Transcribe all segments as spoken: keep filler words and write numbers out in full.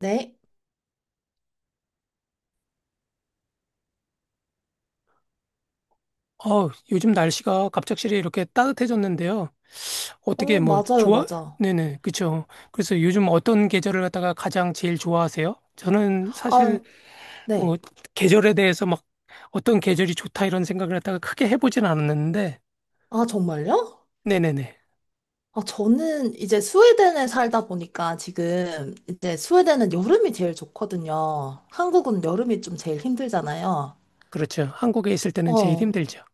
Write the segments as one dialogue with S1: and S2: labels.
S1: 네.
S2: 어, 요즘 날씨가 갑작스레 이렇게 따뜻해졌는데요. 어떻게
S1: 어,
S2: 뭐
S1: 맞아요,
S2: 좋아?
S1: 맞아.
S2: 네네, 그쵸. 그래서 요즘 어떤 계절을 갖다가 가장 제일 좋아하세요? 저는
S1: 아,
S2: 사실
S1: 네.
S2: 뭐 계절에 대해서 막 어떤 계절이 좋다 이런 생각을 갖다가 크게 해보진 않았는데,
S1: 아, 정말요?
S2: 네네네.
S1: 아, 저는 이제 스웨덴에 살다 보니까 지금 이제 스웨덴은 여름이 제일 좋거든요. 한국은 여름이 좀 제일 힘들잖아요.
S2: 그렇죠. 한국에 있을 때는 제일
S1: 어,
S2: 힘들죠.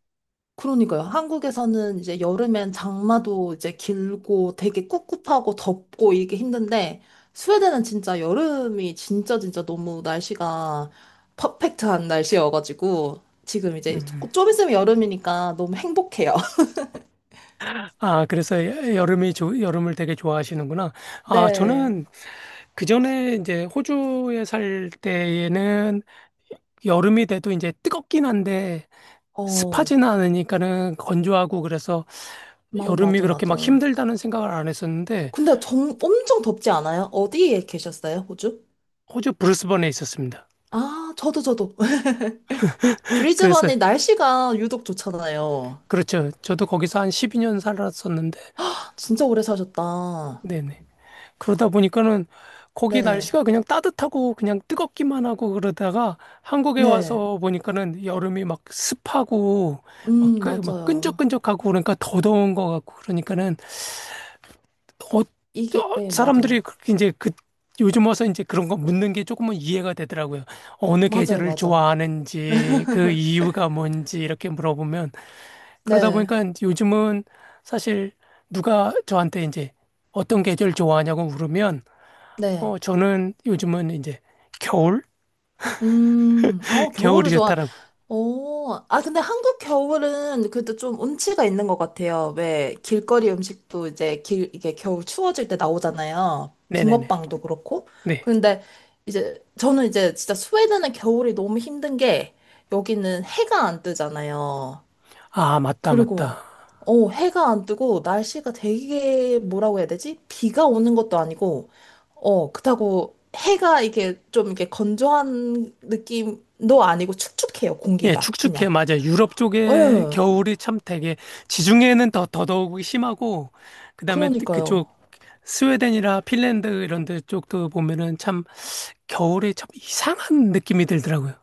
S1: 그러니까요. 한국에서는 이제 여름엔 장마도 이제 길고 되게 꿉꿉하고 덥고 이게 힘든데 스웨덴은 진짜 여름이 진짜 진짜 너무 날씨가 퍼펙트한 날씨여가지고 지금 이제 조-
S2: 음.
S1: 좀 있으면 여름이니까 너무 행복해요.
S2: 아, 그래서 여- 여름이 좋 여름을 되게 좋아하시는구나. 아,
S1: 네.
S2: 저는 그 전에 이제 호주에 살 때에는 여름이 돼도 이제 뜨겁긴 한데
S1: 어,
S2: 습하지는 않으니까는 건조하고 그래서
S1: 마-
S2: 여름이
S1: 맞아,
S2: 그렇게 막
S1: 맞아.
S2: 힘들다는 생각을 안 했었는데
S1: 근데 정, 엄청 덥지 않아요? 어디에 계셨어요, 호주?
S2: 호주 브리스번에 있었습니다.
S1: 아, 저도, 저도.
S2: 그래서
S1: 브리즈번이 날씨가 유독 좋잖아요.
S2: 그렇죠. 저도 거기서 한 십이 년 살았었는데
S1: 아, 진짜 오래 사셨다.
S2: 네네. 그러다 보니까는 거기
S1: 네,
S2: 날씨가 그냥 따뜻하고 그냥 뜨겁기만 하고 그러다가 한국에
S1: 네.
S2: 와서 보니까는 여름이 막 습하고 막,
S1: 음,
S2: 끈- 막
S1: 맞아요.
S2: 끈적끈적하고 그러니까 더 더운 것 같고 그러니까는 어,
S1: 이게,
S2: 어,
S1: 네,
S2: 사람들이
S1: 맞아.
S2: 그렇게 이제 그 요즘 와서 이제 그런 거 묻는 게 조금은 이해가 되더라고요. 어느
S1: 맞아요,
S2: 계절을
S1: 맞아.
S2: 좋아하는지 그 이유가 뭔지 이렇게 물어보면 그러다
S1: 네,
S2: 보니까 요즘은 사실 누가 저한테 이제 어떤 계절 좋아하냐고 물으면 어
S1: 네.
S2: 저는 요즘은 이제 겨울
S1: 음, 어,
S2: 겨울이
S1: 겨울을 좋아.
S2: 좋다라고.
S1: 어, 아, 근데 한국 겨울은 그래도 좀 운치가 있는 것 같아요. 왜, 길거리 음식도 이제 길, 이게 겨울 추워질 때 나오잖아요.
S2: 네네네.
S1: 붕어빵도 그렇고.
S2: 네.
S1: 그런데 이제, 저는 이제 진짜 스웨덴은 겨울이 너무 힘든 게, 여기는 해가 안 뜨잖아요.
S2: 아 맞다
S1: 그리고,
S2: 맞다.
S1: 어, 해가 안 뜨고, 날씨가 되게, 뭐라고 해야 되지? 비가 오는 것도 아니고, 어, 그렇다고 해가 이게 좀 이렇게 건조한 느낌도 아니고 축축해요,
S2: 예,
S1: 공기가.
S2: 축축해,
S1: 그냥.
S2: 맞아요. 유럽 쪽에
S1: 예,
S2: 겨울이 참 되게, 지중해는 더, 더더욱 심하고, 그 다음에
S1: 그러니까요.
S2: 그쪽 스웨덴이라 핀란드 이런 데 쪽도 보면은 참 겨울에 참 이상한 느낌이 들더라고요.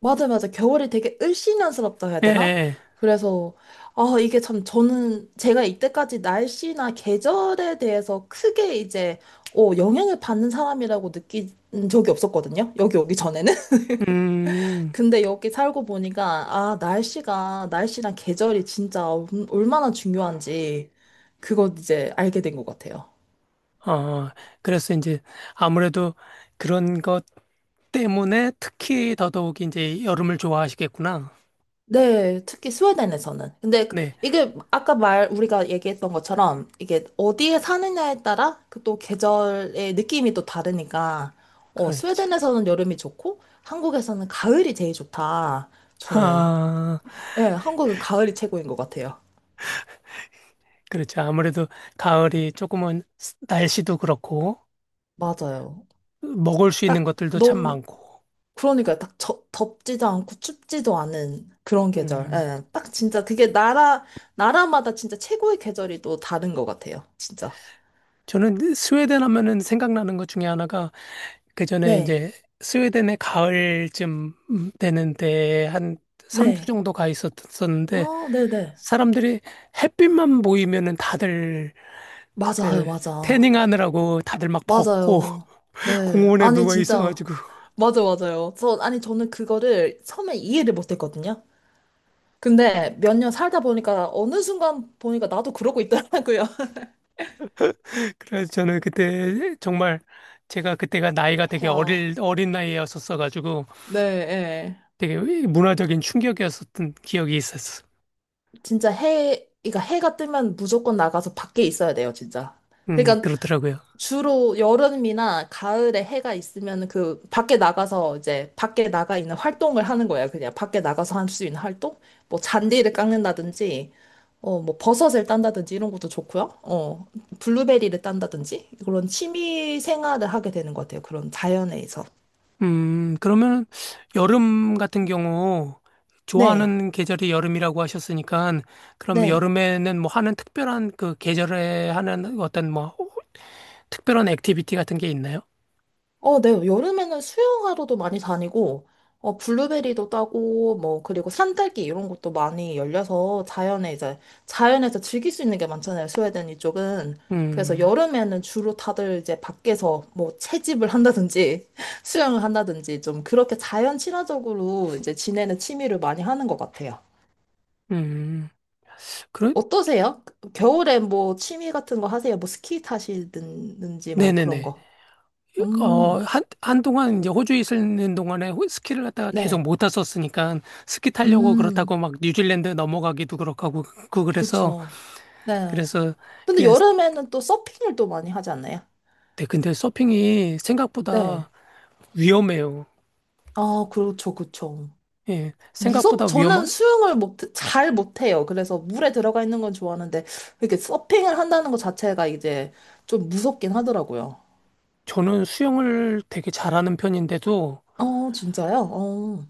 S1: 맞아, 맞아. 겨울이 되게 을씨년스럽다 해야
S2: 예, 예.
S1: 되나?
S2: 예.
S1: 그래서, 아, 이게 참 저는 제가 이때까지 날씨나 계절에 대해서 크게 이제, 어, 영향을 받는 사람이라고 느낀 적이 없었거든요. 여기 오기 전에는.
S2: 음,
S1: 근데 여기 살고 보니까, 아, 날씨가, 날씨랑 계절이 진짜 얼마나 중요한지, 그걸 이제 알게 된 것 같아요.
S2: 어, 그래서 이제 아무래도 그런 것 때문에 특히 더더욱 이제 여름을 좋아하시겠구나.
S1: 네, 특히 스웨덴에서는. 근데 그-
S2: 네,
S1: 이게 아까 말 우리가 얘기했던 것처럼 이게 어디에 사느냐에 따라 그 또 계절의 느낌이 또 다르니까 어,
S2: 그러죠.
S1: 스웨덴에서는 여름이 좋고 한국에서는 가을이 제일 좋다. 저는
S2: 아,
S1: 예, 한국은 가을이 최고인 것 같아요.
S2: 그렇죠. 아무래도 가을이 조금은 날씨도 그렇고,
S1: 맞아요.
S2: 먹을 수 있는
S1: 딱
S2: 것들도 참
S1: 너무
S2: 많고.
S1: 그러니까 딱 저, 덥지도 않고 춥지도 않은 그런 계절.
S2: 음.
S1: 예, 딱 진짜 그게 나라 나라마다 진짜 최고의 계절이 또 다른 것 같아요. 진짜.
S2: 저는 스웨덴 하면은 생각나는 것 중에 하나가 그 전에
S1: 네.
S2: 이제 스웨덴의 가을쯤 되는데 한 삼 주
S1: 네.
S2: 정도 가 있었었는데
S1: 아, 네네.
S2: 사람들이 햇빛만 보이면은 다들
S1: 맞아요,
S2: 그
S1: 맞아.
S2: 태닝하느라고 다들 막 벗고
S1: 맞아요. 네.
S2: 공원에
S1: 아니,
S2: 누워
S1: 진짜.
S2: 있어가지고
S1: 맞아, 맞아요. 저, 아니, 저는 그거를 처음에 이해를 못 했거든요. 근데 몇 년 살다 보니까 어느 순간 보니까 나도 그러고 있더라고요.
S2: 그래서 저는 그때 정말 제가 그때가 나이가 되게
S1: 해요.
S2: 어릴 어린 나이였었어가지고
S1: 네, 예.
S2: 되게 문화적인 충격이었었던 기억이 있었어.
S1: 진짜 해, 그러니까 해가 뜨면 무조건 나가서 밖에 있어야 돼요, 진짜.
S2: 음,
S1: 그러니까
S2: 그렇더라고요.
S1: 주로 여름이나 가을에 해가 있으면 그 밖에 나가서 이제 밖에 나가 있는 활동을 하는 거예요. 그냥 밖에 나가서 할 수 있는 활동? 뭐 잔디를 깎는다든지, 어, 뭐 버섯을 딴다든지 이런 것도 좋고요. 어, 블루베리를 딴다든지 그런 취미 생활을 하게 되는 것 같아요. 그런 자연에서.
S2: 음, 그러면 여름 같은 경우
S1: 네,
S2: 좋아하는 계절이 여름이라고 하셨으니까 그러면
S1: 네.
S2: 여름에는 뭐 하는 특별한 그 계절에 하는 어떤 뭐 특별한 액티비티 같은 게 있나요?
S1: 어, 네. 여름에는 수영하러도 많이 다니고, 어, 블루베리도 따고, 뭐, 그리고 산딸기 이런 것도 많이 열려서 자연에 이제, 자연에서 즐길 수 있는 게 많잖아요. 스웨덴 이쪽은. 그래서
S2: 음,
S1: 여름에는 주로 다들 이제 밖에서 뭐 채집을 한다든지 수영을 한다든지 좀 그렇게 자연 친화적으로 이제 지내는 취미를 많이 하는 것 같아요.
S2: 음, 그래?
S1: 어떠세요? 겨울에 뭐 취미 같은 거 하세요? 뭐 스키 타시든지 뭐 그런
S2: 네네네.
S1: 거.
S2: 어,
S1: 음,
S2: 한, 한동안 이제 호주에 있는 동안에 호- 스키를 갖다가 계속
S1: 네.
S2: 못 탔었으니까 스키 타려고 그렇다고
S1: 음.
S2: 막 뉴질랜드 넘어가기도 그렇고 하고 그 그래서
S1: 그쵸. 네.
S2: 그래서
S1: 근데
S2: 그냥
S1: 여름에는 또 서핑을 또 많이 하지 않나요?
S2: 네, 근데 서핑이 생각보다
S1: 네.
S2: 위험해요.
S1: 아, 그렇죠, 그렇죠.
S2: 예,
S1: 무섭,
S2: 생각보다
S1: 저는
S2: 위험한,
S1: 수영을 못, 잘 못해요. 그래서 물에 들어가 있는 건 좋아하는데, 이렇게 서핑을 한다는 것 자체가 이제 좀 무섭긴 하더라고요.
S2: 저는 수영을 되게 잘하는 편인데도
S1: 어, 진짜요? 어,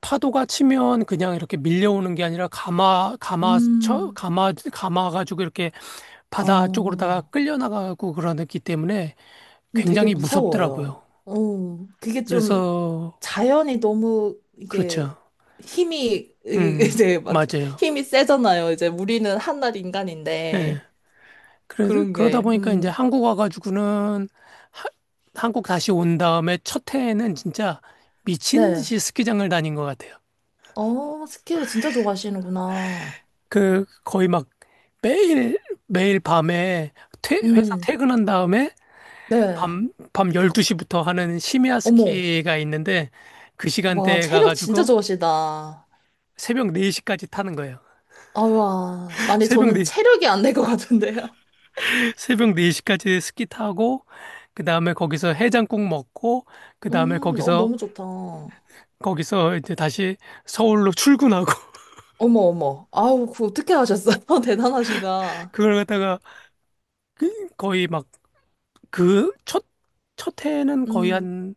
S2: 파도가 치면 그냥 이렇게 밀려오는 게 아니라 감아, 감아쳐,
S1: 음,
S2: 감아, 감아가지고 이렇게 바다 쪽으로다가
S1: 어,
S2: 끌려나가고 그러기 때문에
S1: 좀 되게
S2: 굉장히
S1: 무서워요.
S2: 무섭더라고요.
S1: 어, 그게 좀
S2: 그래서,
S1: 자연이 너무 이게
S2: 그렇죠.
S1: 힘이 이-
S2: 음,
S1: 제 맞
S2: 맞아요.
S1: 힘이 세잖아요. 이제 우리는 한낱
S2: 예.
S1: 인간인데
S2: 그래서
S1: 그런
S2: 그러다
S1: 게
S2: 보니까 이제
S1: 음.
S2: 한국 와가지고는 하- 한국 다시 온 다음에 첫 해에는 진짜 미친
S1: 네.
S2: 듯이 스키장을 다닌 것 같아요.
S1: 어, 스키를 진짜 좋아하시는구나.
S2: 그 거의 막 매일 매일 밤에 퇴- 회사
S1: 음.
S2: 퇴근한 다음에
S1: 네.
S2: 밤, 밤 열두 시부터 하는 심야
S1: 어머.
S2: 스키가 있는데 그
S1: 와,
S2: 시간대에
S1: 체력 진짜
S2: 가가지고
S1: 좋으시다. 아
S2: 새벽 네 시까지 타는 거예요.
S1: 와. 아니
S2: 새벽
S1: 저는
S2: 네
S1: 체력이 안 될 것 같은데요.
S2: 새벽 네 시까지 스키 타고 그 다음에 거기서 해장국 먹고 그 다음에
S1: 음, 어
S2: 거기서
S1: 너무 좋다. 어머
S2: 거기서 이제 다시 서울로 출근하고
S1: 어머. 아우, 그 어떻게 하셨어요? 대단하시다.
S2: 그걸 갖다가 그- 거의 막 그 첫, 첫 해에는 거의
S1: 음.
S2: 한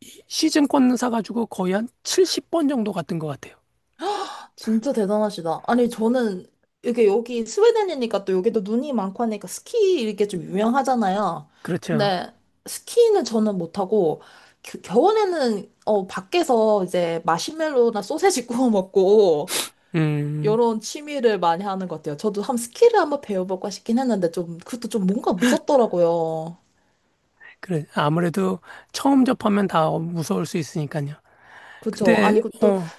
S2: 이- 시즌권 사가지고 거의 한 칠십 번 정도 갔던 것 같아요.
S1: 진짜 대단하시다. 아니, 저는 이게 여기 스웨덴이니까 또 여기도 눈이 많고 하니까 스키 이게 좀 유명하잖아요.
S2: 그렇죠.
S1: 근데 스키는 저는 못하고 겨- 겨울에는 어, 밖에서 이제 마시멜로나 소세지 구워 먹고
S2: 음,
S1: 이런 취미를 많이 하는 것 같아요. 저도 한 스키를 한번 배워볼까 싶긴 했는데 좀 그것도 좀 뭔가 무섭더라고요.
S2: 그래. 아무래도 처음 접하면 다 무서울 수 있으니까요.
S1: 그쵸.
S2: 근데,
S1: 아니, 그것도,
S2: 어,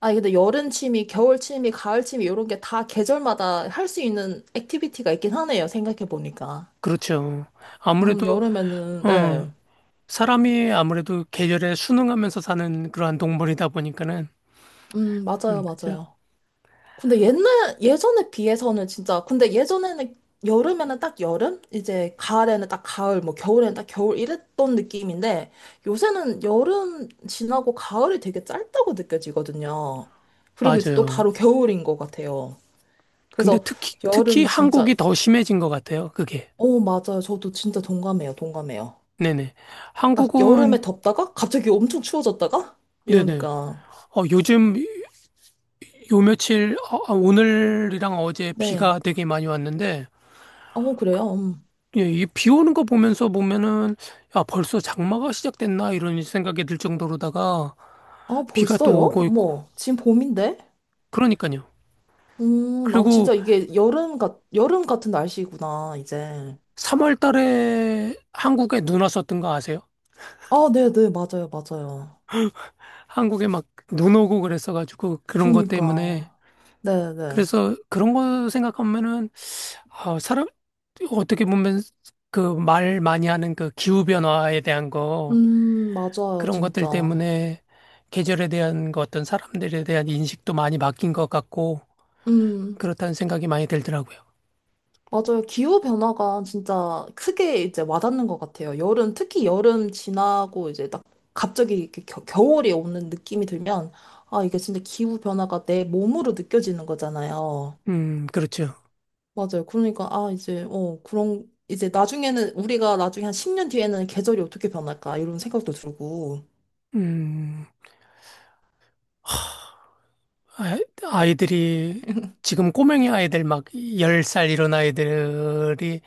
S1: 아니, 근데 여름 취미, 겨울 취미, 가을 취미, 이런 게 다 계절마다 할 수 있는 액티비티가 있긴 하네요. 생각해보니까.
S2: 그렇죠.
S1: 음,
S2: 아무래도,
S1: 여름에는,
S2: 어,
S1: 네.
S2: 사람이 아무래도 계절에 순응하면서 사는 그러한 동물이다 보니까는,
S1: 음, 맞아요,
S2: 음, 그죠?
S1: 맞아요. 근데 옛날, 예전에 비해서는 진짜, 근데 예전에는, 여름에는 딱 여름? 이제 가을에는 딱 가을, 뭐 겨울에는 딱 겨울 이랬던 느낌인데, 요새는 여름 지나고 가을이 되게 짧다고 느껴지거든요. 그리고 이제 또
S2: 맞아요.
S1: 바로 겨울인 것 같아요.
S2: 근데
S1: 그래서
S2: 특히, 특히
S1: 여름
S2: 한국이
S1: 진짜,
S2: 더 심해진 것 같아요, 그게.
S1: 어, 맞아요. 저도 진짜 동감해요, 동감해요.
S2: 네네.
S1: 딱 여름에
S2: 한국은,
S1: 덥다가 갑자기 엄청 추워졌다가?
S2: 네네.
S1: 이러니까.
S2: 어, 요즘, 요 며칠, 어, 아, 오늘이랑 어제
S1: 네.
S2: 비가 되게 많이 왔는데,
S1: 어, 그래요. 음.
S2: 예, 이비 오는 거 보면서 보면은, 야, 벌써 장마가 시작됐나? 이런 생각이 들 정도로다가,
S1: 아,
S2: 비가 또
S1: 벌써요?
S2: 오고 있고.
S1: 어머, 지금 봄인데?
S2: 그러니까요.
S1: 음, 나
S2: 그리고
S1: 진짜 이게 여름 같, 여름 같은 날씨구나, 이제.
S2: 삼월 달에 한국에 눈 왔었던 거 아세요?
S1: 아, 네네, 맞아요, 맞아요.
S2: 한국에 막 눈 오고 그랬어가지고, 그런 것 때문에.
S1: 그러니까. 네네.
S2: 그래서 그런 거 생각하면은, 아, 사람, 어떻게 보면 그 말 많이 하는 그 기후변화에 대한 거,
S1: 음, 맞아요,
S2: 그런 것들
S1: 진짜.
S2: 때문에 계절에 대한 거 어떤 사람들에 대한 인식도 많이 바뀐 것 같고,
S1: 음,
S2: 그렇다는 생각이 많이 들더라고요.
S1: 맞아요. 기후변화가 진짜 크게 이제 와닿는 것 같아요. 여름, 특히 여름 지나고 이제 딱 갑자기 이렇게 겨, 겨울이 오는 느낌이 들면, 아, 이게 진짜 기후변화가 내 몸으로 느껴지는 거잖아요.
S2: 음, 그렇죠.
S1: 맞아요. 그러니까, 아, 이제, 어, 그런, 이제 나중에는, 우리가 나중에 한 십 년 뒤에는 계절이 어떻게 변할까, 이런 생각도 들고.
S2: 음, 아- 아이들이, 지금 꼬맹이 아이들 막 열 살 이런 아이들이,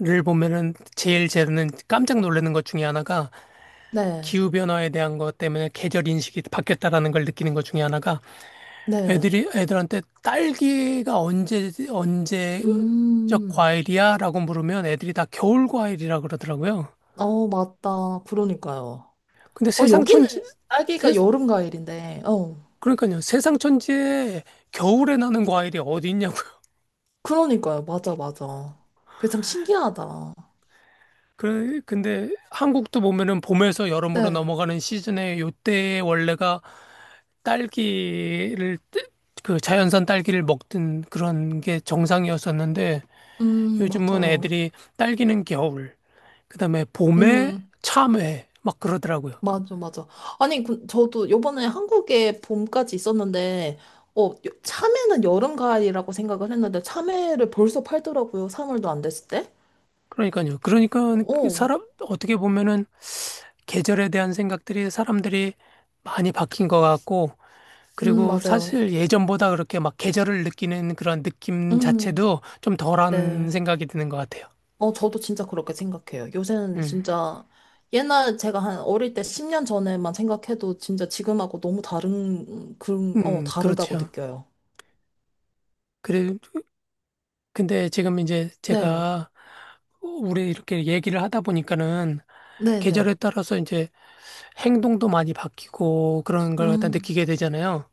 S2: 를 보면은 제일 저는 깜짝 놀라는 것 중에 하나가
S1: 네,
S2: 기후변화에 대한 것 때문에 계절 인식이 바뀌었다라는 걸 느끼는 것 중에 하나가
S1: 네.
S2: 애들이 애들한테 딸기가 언제 언제 적
S1: 음,
S2: 과일이야라고 물으면 애들이 다 겨울 과일이라 그러더라고요.
S1: 어, 맞다. 그러니까요.
S2: 근데
S1: 어,
S2: 세상 천지
S1: 여기는
S2: 세,
S1: 딸기가 여름 과일인데, 어,
S2: 그러니까요. 세상 천지에 겨울에 나는 과일이 어디 있냐고.
S1: 그러니까요. 맞아, 맞아. 그게 참 신기하다.
S2: 그 근데 한국도 보면은 봄에서 여름으로
S1: 네,
S2: 넘어가는 시즌에 요때 원래가 딸기를 뜨- 그 자연산 딸기를 먹던 그런 게 정상이었었는데
S1: 음,
S2: 요즘은
S1: 맞아요.
S2: 애들이 딸기는 겨울 그다음에 봄에
S1: 음.
S2: 참외 막 그러더라고요.
S1: 맞아, 맞아. 아니, 그, 저도 요번에 한국에 봄까지 있었는데, 어, 요- 참외는 여름, 가을이라고 생각을 했는데, 참외를 벌써 팔더라고요. 삼 월도 안 됐을 때.
S2: 그러니까요. 그러니까 그
S1: 어,
S2: 사람 어떻게 보면은 계절에 대한 생각들이 사람들이 많이 바뀐 것 같고
S1: 음,
S2: 그리고
S1: 맞아요.
S2: 사실 예전보다 그렇게 막 계절을 느끼는 그런 느낌
S1: 음,
S2: 자체도 좀 덜한
S1: 네.
S2: 생각이 드는 것 같아요.
S1: 어, 저도 진짜 그렇게 생각해요. 요새는
S2: 음,
S1: 진짜, 옛날 제가 한 어릴 때 십 년 전에만 생각해도 진짜 지금하고 너무 다른, 그런, 어,
S2: 음,
S1: 다르다고
S2: 그렇죠.
S1: 느껴요.
S2: 그래, 근데 지금 이제
S1: 네,
S2: 제가 우리 이렇게 얘기를 하다 보니까는
S1: 네, 네.
S2: 계절에 따라서 이제 행동도 많이 바뀌고 그런 걸 갖다
S1: 음,
S2: 느끼게 되잖아요.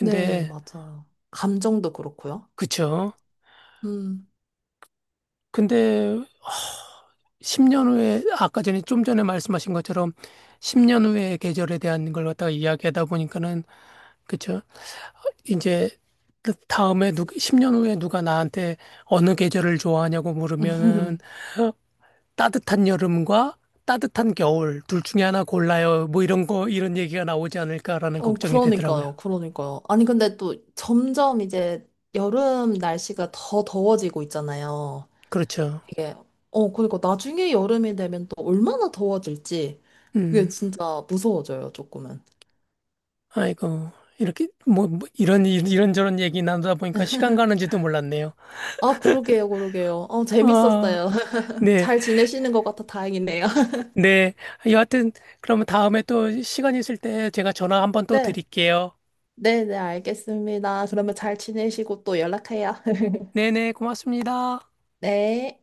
S1: 네, 맞아요. 감정도 그렇고요.
S2: 그쵸?
S1: 음.
S2: 근데 십 년 후에 아까 전에 좀 전에 말씀하신 것처럼 십 년 후의 계절에 대한 걸 갖다가 이야기하다 보니까는 그쵸? 이제 그 다음에 누 십 년 후에 누가 나한테 어느 계절을 좋아하냐고 물으면은 따뜻한 여름과 따뜻한 겨울 둘 중에 하나 골라요. 뭐 이런 거 이런 얘기가 나오지 않을까라는
S1: 어,
S2: 걱정이 되더라고요.
S1: 그러니까요, 그러니까요. 아니, 근데 또 점점 이제 여름 날씨가 더 더워지고 있잖아요.
S2: 그렇죠.
S1: 이게, 어, 그러니까 나중에 여름이 되면 또 얼마나 더워질지 그게
S2: 음.
S1: 진짜 무서워져요, 조금은.
S2: 아이고. 이렇게 뭐, 뭐 이런 이- 이런저런 얘기 나누다 보니까 시간 가는지도 몰랐네요.
S1: 아, 그러게요, 그러게요. 어,
S2: 아,
S1: 재밌었어요.
S2: 네,
S1: 잘 지내시는 것 같아 다행이네요.
S2: 네. 여하튼, 그러면 다음에 또 시간 있을 때 제가 전화 한번 또
S1: 네,
S2: 드릴게요.
S1: 네, 네, 알겠습니다. 그러면 잘 지내시고 또 연락해요.
S2: 네네, 고맙습니다.
S1: 네.